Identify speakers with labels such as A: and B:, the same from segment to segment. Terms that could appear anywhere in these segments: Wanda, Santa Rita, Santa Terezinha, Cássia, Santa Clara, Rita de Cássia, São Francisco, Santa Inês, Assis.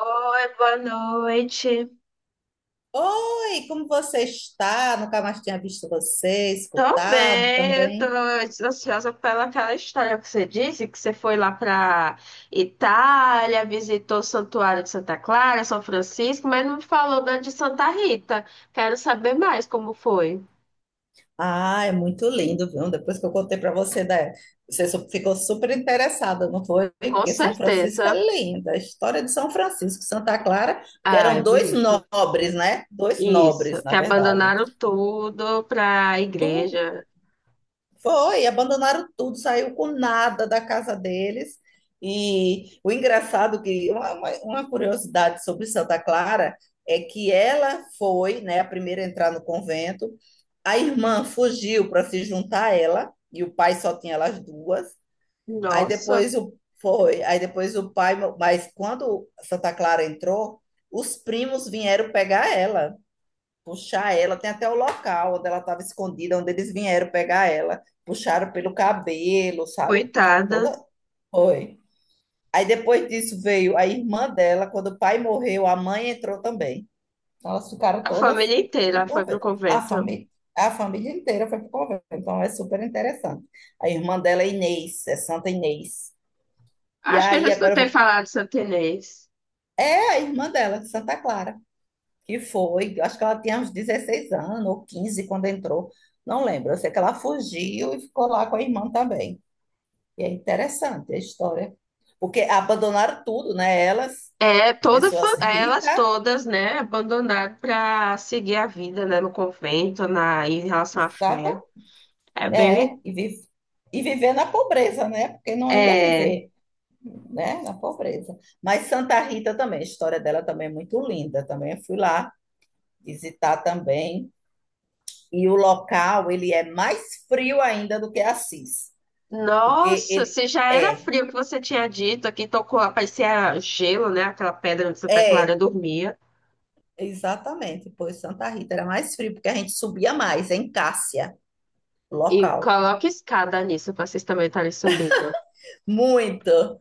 A: Oi, boa noite.
B: Oi, como você está? Nunca mais tinha visto você,
A: Tô
B: escutado
A: bem, eu tô
B: também.
A: ansiosa pelaquela história que você disse, que você foi lá pra Itália, visitou o Santuário de Santa Clara, São Francisco, mas não me falou da de Santa Rita. Quero saber mais como foi.
B: Ah, é muito lindo, viu? Depois que eu contei para você, né? Ficou super interessada, não foi?
A: Com
B: Porque São Francisco
A: certeza.
B: é linda. A história de São Francisco, Santa Clara, que
A: Ah, é
B: eram dois
A: bonito.
B: nobres, né? Dois
A: Isso,
B: nobres,
A: que
B: na verdade.
A: abandonaram tudo pra igreja.
B: Foi, abandonaram tudo, saiu com nada da casa deles. E o engraçado que uma curiosidade sobre Santa Clara é que ela foi, né, a primeira a entrar no convento. A irmã fugiu para se juntar a ela e o pai só tinha elas duas. Aí
A: Nossa,
B: depois o Foi, aí depois o pai, mas quando Santa Clara entrou, os primos vieram pegar ela puxar ela, tem até o local onde ela estava escondida, onde eles vieram pegar ela, puxaram pelo cabelo, sabe?
A: coitada.
B: Toda. Foi. Aí depois disso veio a irmã dela, quando o pai morreu, a mãe entrou também. Então elas ficaram
A: A
B: todas
A: família
B: no
A: inteira foi pro
B: convento.
A: convento.
B: A família inteira foi para o convento, então é super interessante. A irmã dela é Inês, é Santa Inês. E
A: Acho que eu já
B: aí agora eu
A: escutei
B: vou.
A: falar de Santa Inês.
B: É a irmã dela, Santa Clara, que foi, eu acho que ela tinha uns 16 anos ou 15 quando entrou, não lembro. Eu sei que ela fugiu e ficou lá com a irmã também. E é interessante a história, porque abandonaram tudo, né? Elas,
A: É, toda,
B: pessoas
A: é, elas
B: ricas,
A: todas, né, abandonaram para seguir a vida, né, no convento, na, em relação à
B: sabe?
A: fé. É
B: É,
A: bem,
B: e, vi- e viver na pobreza, né? Porque não ia
A: é,
B: viver, né? Na pobreza. Mas Santa Rita também, a história dela também é muito linda. Também eu fui lá visitar também. E o local, ele é mais frio ainda do que Assis. Porque
A: nossa,
B: ele
A: se já era
B: é,
A: frio que você tinha dito, aqui tocou, parecia gelo, né, aquela pedra onde Santa Clara
B: é,
A: dormia,
B: Exatamente. Pois Santa Rita era mais frio, porque a gente subia mais em Cássia,
A: e
B: local.
A: coloca escada nisso para vocês também estarem subindo.
B: Muito.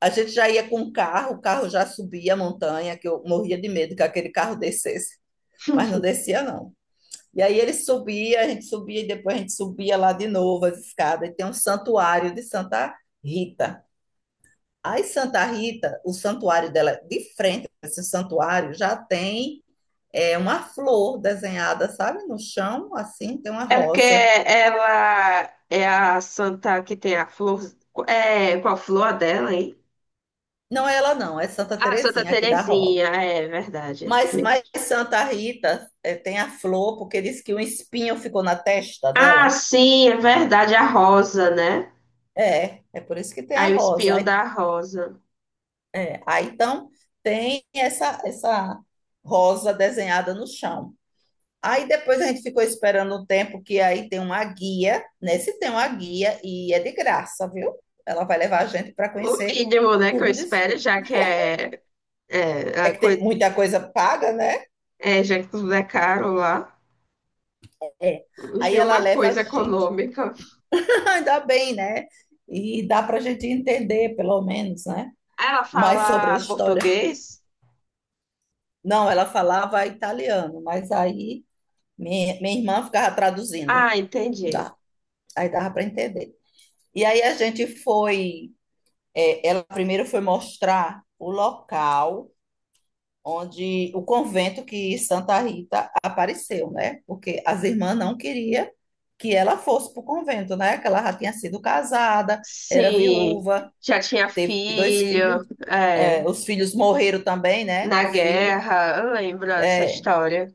B: A gente já ia com o carro já subia a montanha, que eu morria de medo que aquele carro descesse, mas não descia, não. E aí ele subia, a gente subia e depois a gente subia lá de novo as escadas. E tem um santuário de Santa Rita. Aí Santa Rita, o santuário dela, é de frente a esse santuário, já tem. É uma flor desenhada, sabe, no chão, assim, tem uma
A: É porque
B: rosa.
A: ela é a santa que tem a flor, é, qual flor a dela, hein?
B: Não é ela, não, é Santa
A: Ah, Santa
B: Terezinha aqui da Rosa.
A: Terezinha, é verdade.
B: Mas Santa Rita tem a flor, porque diz que um espinho ficou na testa
A: Ah,
B: dela.
A: sim, é verdade, a Rosa, né?
B: É, é por isso que tem a
A: Aí o
B: rosa.
A: espinho da Rosa.
B: Então tem essa rosa desenhada no chão. Aí depois a gente ficou esperando um tempo que aí tem uma guia. Nesse tem uma guia e é de graça, viu? Ela vai levar a gente para
A: O
B: conhecer
A: mínimo, né, que eu
B: tudo disso.
A: espero, já que é, é,
B: É
A: a
B: que tem
A: coisa,
B: muita coisa paga, né?
A: é, já que tudo é caro lá.
B: É. Aí
A: Enfim,
B: ela
A: uma
B: leva a
A: coisa
B: gente.
A: econômica.
B: Ainda bem, né? E dá para a gente entender, pelo menos, né?
A: Ela
B: Mais sobre a
A: fala
B: história.
A: português?
B: Não, ela falava italiano, mas aí minha irmã ficava traduzindo.
A: Ah, entendi.
B: Dá. Aí dava para entender. E aí a gente foi. É, ela primeiro foi mostrar o local onde o convento que Santa Rita apareceu, né? Porque as irmãs não queriam que ela fosse para o convento, né? Que ela já tinha sido casada, era
A: Sim,
B: viúva,
A: já tinha
B: teve dois
A: filho,
B: filhos,
A: é,
B: é, os filhos morreram também, né?
A: na
B: Os filhos.
A: guerra, eu lembro dessa
B: É,
A: história.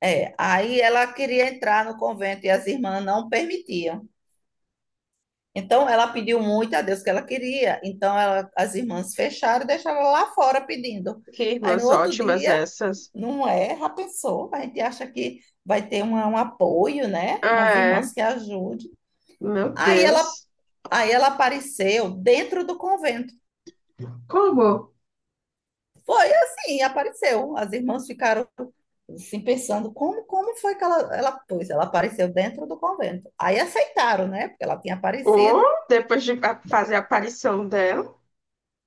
B: é. Aí ela queria entrar no convento e as irmãs não permitiam. Então ela pediu muito a Deus que ela queria. As irmãs fecharam e deixaram ela lá fora pedindo.
A: Que
B: Aí no
A: irmãs
B: outro
A: ótimas
B: dia,
A: essas.
B: não é? Já pensou? A gente acha que um apoio, né? Umas
A: É,
B: irmãs que ajudem.
A: meu
B: Aí ela,
A: Deus.
B: Aí ela apareceu dentro do convento.
A: Como?
B: Foi assim, apareceu. As irmãs ficaram assim pensando, como foi que pois, ela apareceu dentro do convento. Aí aceitaram, né? Porque ela tinha
A: Ou
B: aparecido
A: depois de fazer a aparição dela,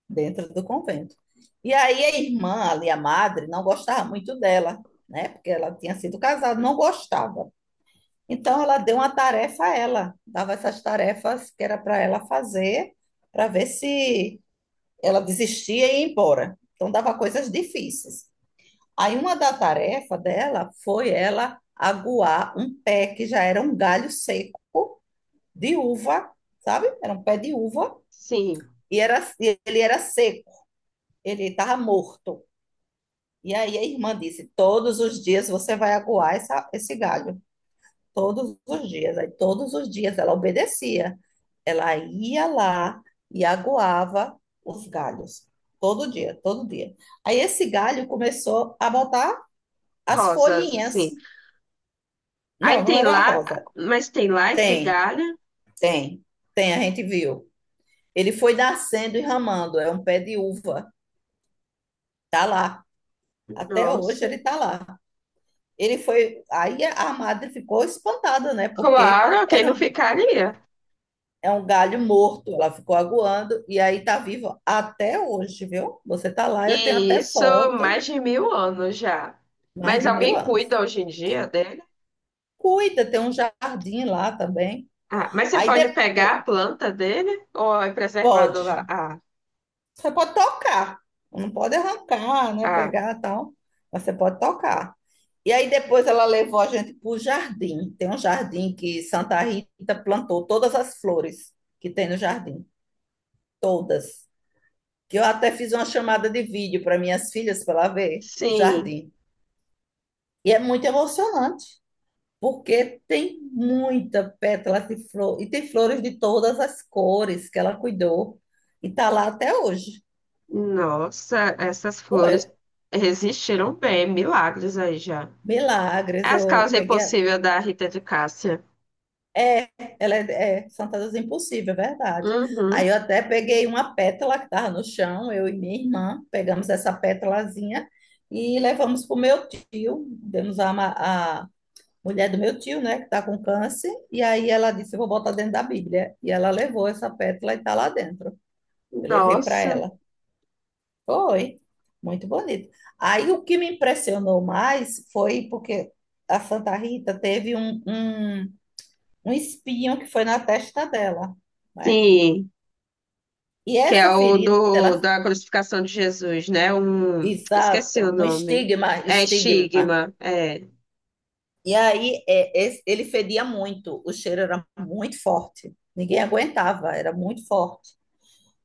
B: dentro do convento. E aí a irmã ali, a madre, não gostava muito dela, né? Porque ela tinha sido casada, não gostava. Então ela deu uma tarefa a ela, dava essas tarefas que era para ela fazer, para ver se ela desistia e ia embora. Então dava coisas difíceis. Aí uma da tarefa dela foi ela aguar um pé que já era um galho seco de uva, sabe? Era um pé de uva
A: sim,
B: e era e ele era seco, ele estava morto. E aí a irmã disse: "Todos os dias você vai aguar esse galho, todos os dias". Aí todos os dias ela obedecia. Ela ia lá e aguava os galhos. Todo dia, todo dia. Aí esse galho começou a botar as
A: rosas,
B: folhinhas.
A: assim. Aí
B: Não, não
A: tem
B: era
A: lá,
B: rosa.
A: mas tem lá esse
B: Tem,
A: galho?
B: tem, tem, a gente viu. Ele foi nascendo e ramando, é um pé de uva. Tá lá. Até hoje
A: Nossa,
B: ele tá lá. Ele foi. Aí a madre ficou espantada, né?
A: claro, quem não ficaria?
B: É um galho morto, ela ficou aguando, e aí tá vivo até hoje, viu? Você tá lá,
A: E
B: eu tenho até
A: isso
B: foto.
A: mais de mil anos já.
B: Mais
A: Mas
B: de mil
A: alguém
B: anos.
A: cuida hoje em dia dele?
B: Cuida, tem um jardim lá também.
A: Ah, mas você
B: Aí
A: pode pegar
B: depois,
A: a planta dele ou é preservado
B: pode.
A: lá? Ah,
B: Você pode tocar. Não pode arrancar, né?
A: ah,
B: Pegar e tal. Mas você pode tocar. E aí depois ela levou a gente para o jardim. Tem um jardim que Santa Rita plantou todas as flores que tem no jardim. Todas. Que eu até fiz uma chamada de vídeo para minhas filhas para ela ver o
A: sim.
B: jardim. E é muito emocionante porque tem muita pétala de flor e tem flores de todas as cores que ela cuidou e tá lá até hoje.
A: Nossa, essas
B: Pô,
A: flores
B: é-
A: resistiram bem, milagres aí já.
B: Milagres,
A: É as
B: eu
A: causas
B: peguei.
A: impossíveis da Rita de Cássia.
B: É, ela é, é Fantasias Impossível, é verdade. Aí
A: Uhum.
B: eu até peguei uma pétala que estava no chão, eu e minha irmã pegamos essa pétalazinha e levamos para o meu tio, a mulher do meu tio, né, que está com câncer, e aí ela disse: Eu vou botar dentro da Bíblia. E ela levou essa pétala e está lá dentro. Eu levei para
A: Nossa.
B: ela. Foi, muito bonito. Aí o que me impressionou mais foi porque a Santa Rita teve um espinho que foi na testa dela, né?
A: Sim,
B: E
A: que é
B: essa
A: o
B: ferida,
A: do,
B: ela,
A: da crucificação de Jesus, né? Um, esqueci o
B: exato, um
A: nome.
B: estigma,
A: É
B: estigma.
A: estigma. É.
B: Ele fedia muito, o cheiro era muito forte. Ninguém aguentava, era muito forte.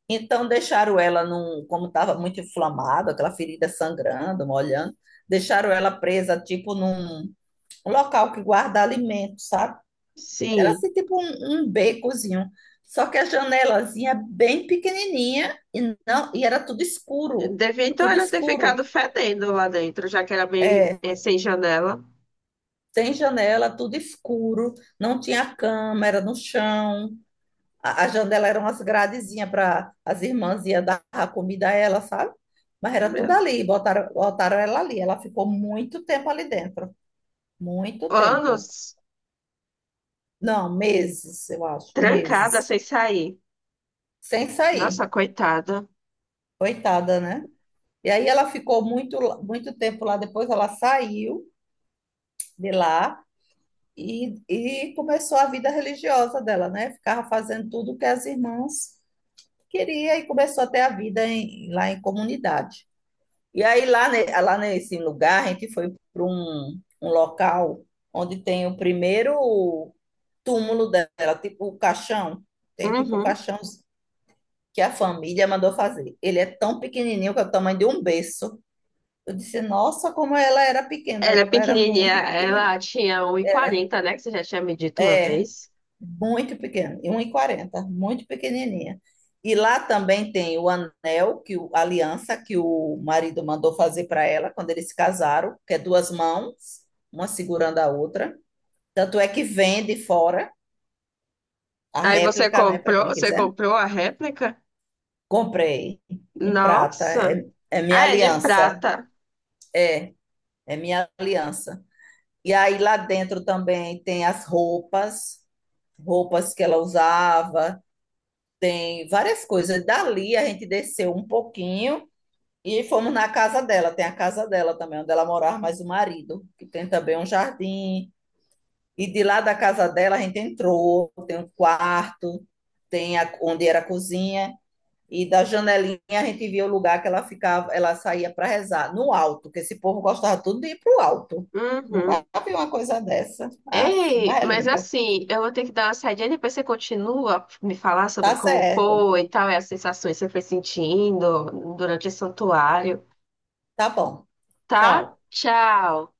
B: Então deixaram ela num, como estava muito inflamado, aquela ferida sangrando, molhando, deixaram ela presa tipo num local que guarda alimento, sabe? Era
A: Sim.
B: assim tipo um becozinho. Só que a janelazinha é bem pequenininha e não, e era tudo escuro,
A: Devia então
B: tudo
A: ela ter
B: escuro.
A: ficado fedendo lá dentro, já que era bem
B: É,
A: sem janela.
B: sem janela, tudo escuro, não tinha cama, era no chão. A janela era umas gradezinhas para as irmãs iam dar a comida a ela, sabe? Mas era tudo
A: Meu,
B: ali, botaram ela ali. Ela ficou muito tempo ali dentro. Muito tempo.
A: anos
B: Não, meses, eu acho,
A: trancada
B: meses.
A: sem sair.
B: Sem sair.
A: Nossa, coitada.
B: Coitada, né? E aí ela ficou muito, muito tempo lá. Depois ela saiu de lá e começou a vida religiosa dela, né? Ficava fazendo tudo que as irmãs queriam e começou até a lá em comunidade. E aí lá nesse lugar a gente foi para um local onde tem o primeiro túmulo dela, tipo o caixão. Tem tipo o
A: Uhum.
B: caixão que a família mandou fazer. Ele é tão pequenininho que é o tamanho de um berço. Eu disse, nossa, como ela era
A: Ela
B: pequena.
A: é
B: Ela era
A: pequenininha,
B: muito pequenininha.
A: ela tinha um e
B: Era.
A: quarenta, né? Que você já tinha me dito uma
B: É,
A: vez.
B: muito pequeno, e um e quarenta, muito pequenininha. E lá também tem o anel, que a aliança que o marido mandou fazer para ela quando eles se casaram, que é duas mãos, uma segurando a outra. Tanto é que vende fora a
A: Aí
B: réplica, né, para quem
A: você
B: quiser.
A: comprou a réplica?
B: Comprei em prata,
A: Nossa!
B: é, é minha
A: Ah, é de
B: aliança,
A: prata.
B: é, é minha aliança. E aí lá dentro também tem as roupas, roupas que ela usava, tem várias coisas. Dali a gente desceu um pouquinho e fomos na casa dela. Tem a casa dela também, onde ela morava mais o marido, que tem também um jardim. E de lá da casa dela a gente entrou, tem um quarto, onde era a cozinha. E da janelinha a gente via o lugar que ela ficava, ela saía para rezar, no alto, que esse povo gostava tudo de ir para o alto. Nunca
A: Uhum.
B: vi uma coisa dessa. Aff,
A: Ei,
B: mas é
A: mas
B: lindo.
A: assim, eu vou ter que dar uma saidinha, depois você continua a me falar sobre
B: Tá
A: como
B: certo.
A: foi e tal, e as sensações que você foi sentindo durante o santuário,
B: Tá bom.
A: tá?
B: Tchau.
A: Tchau!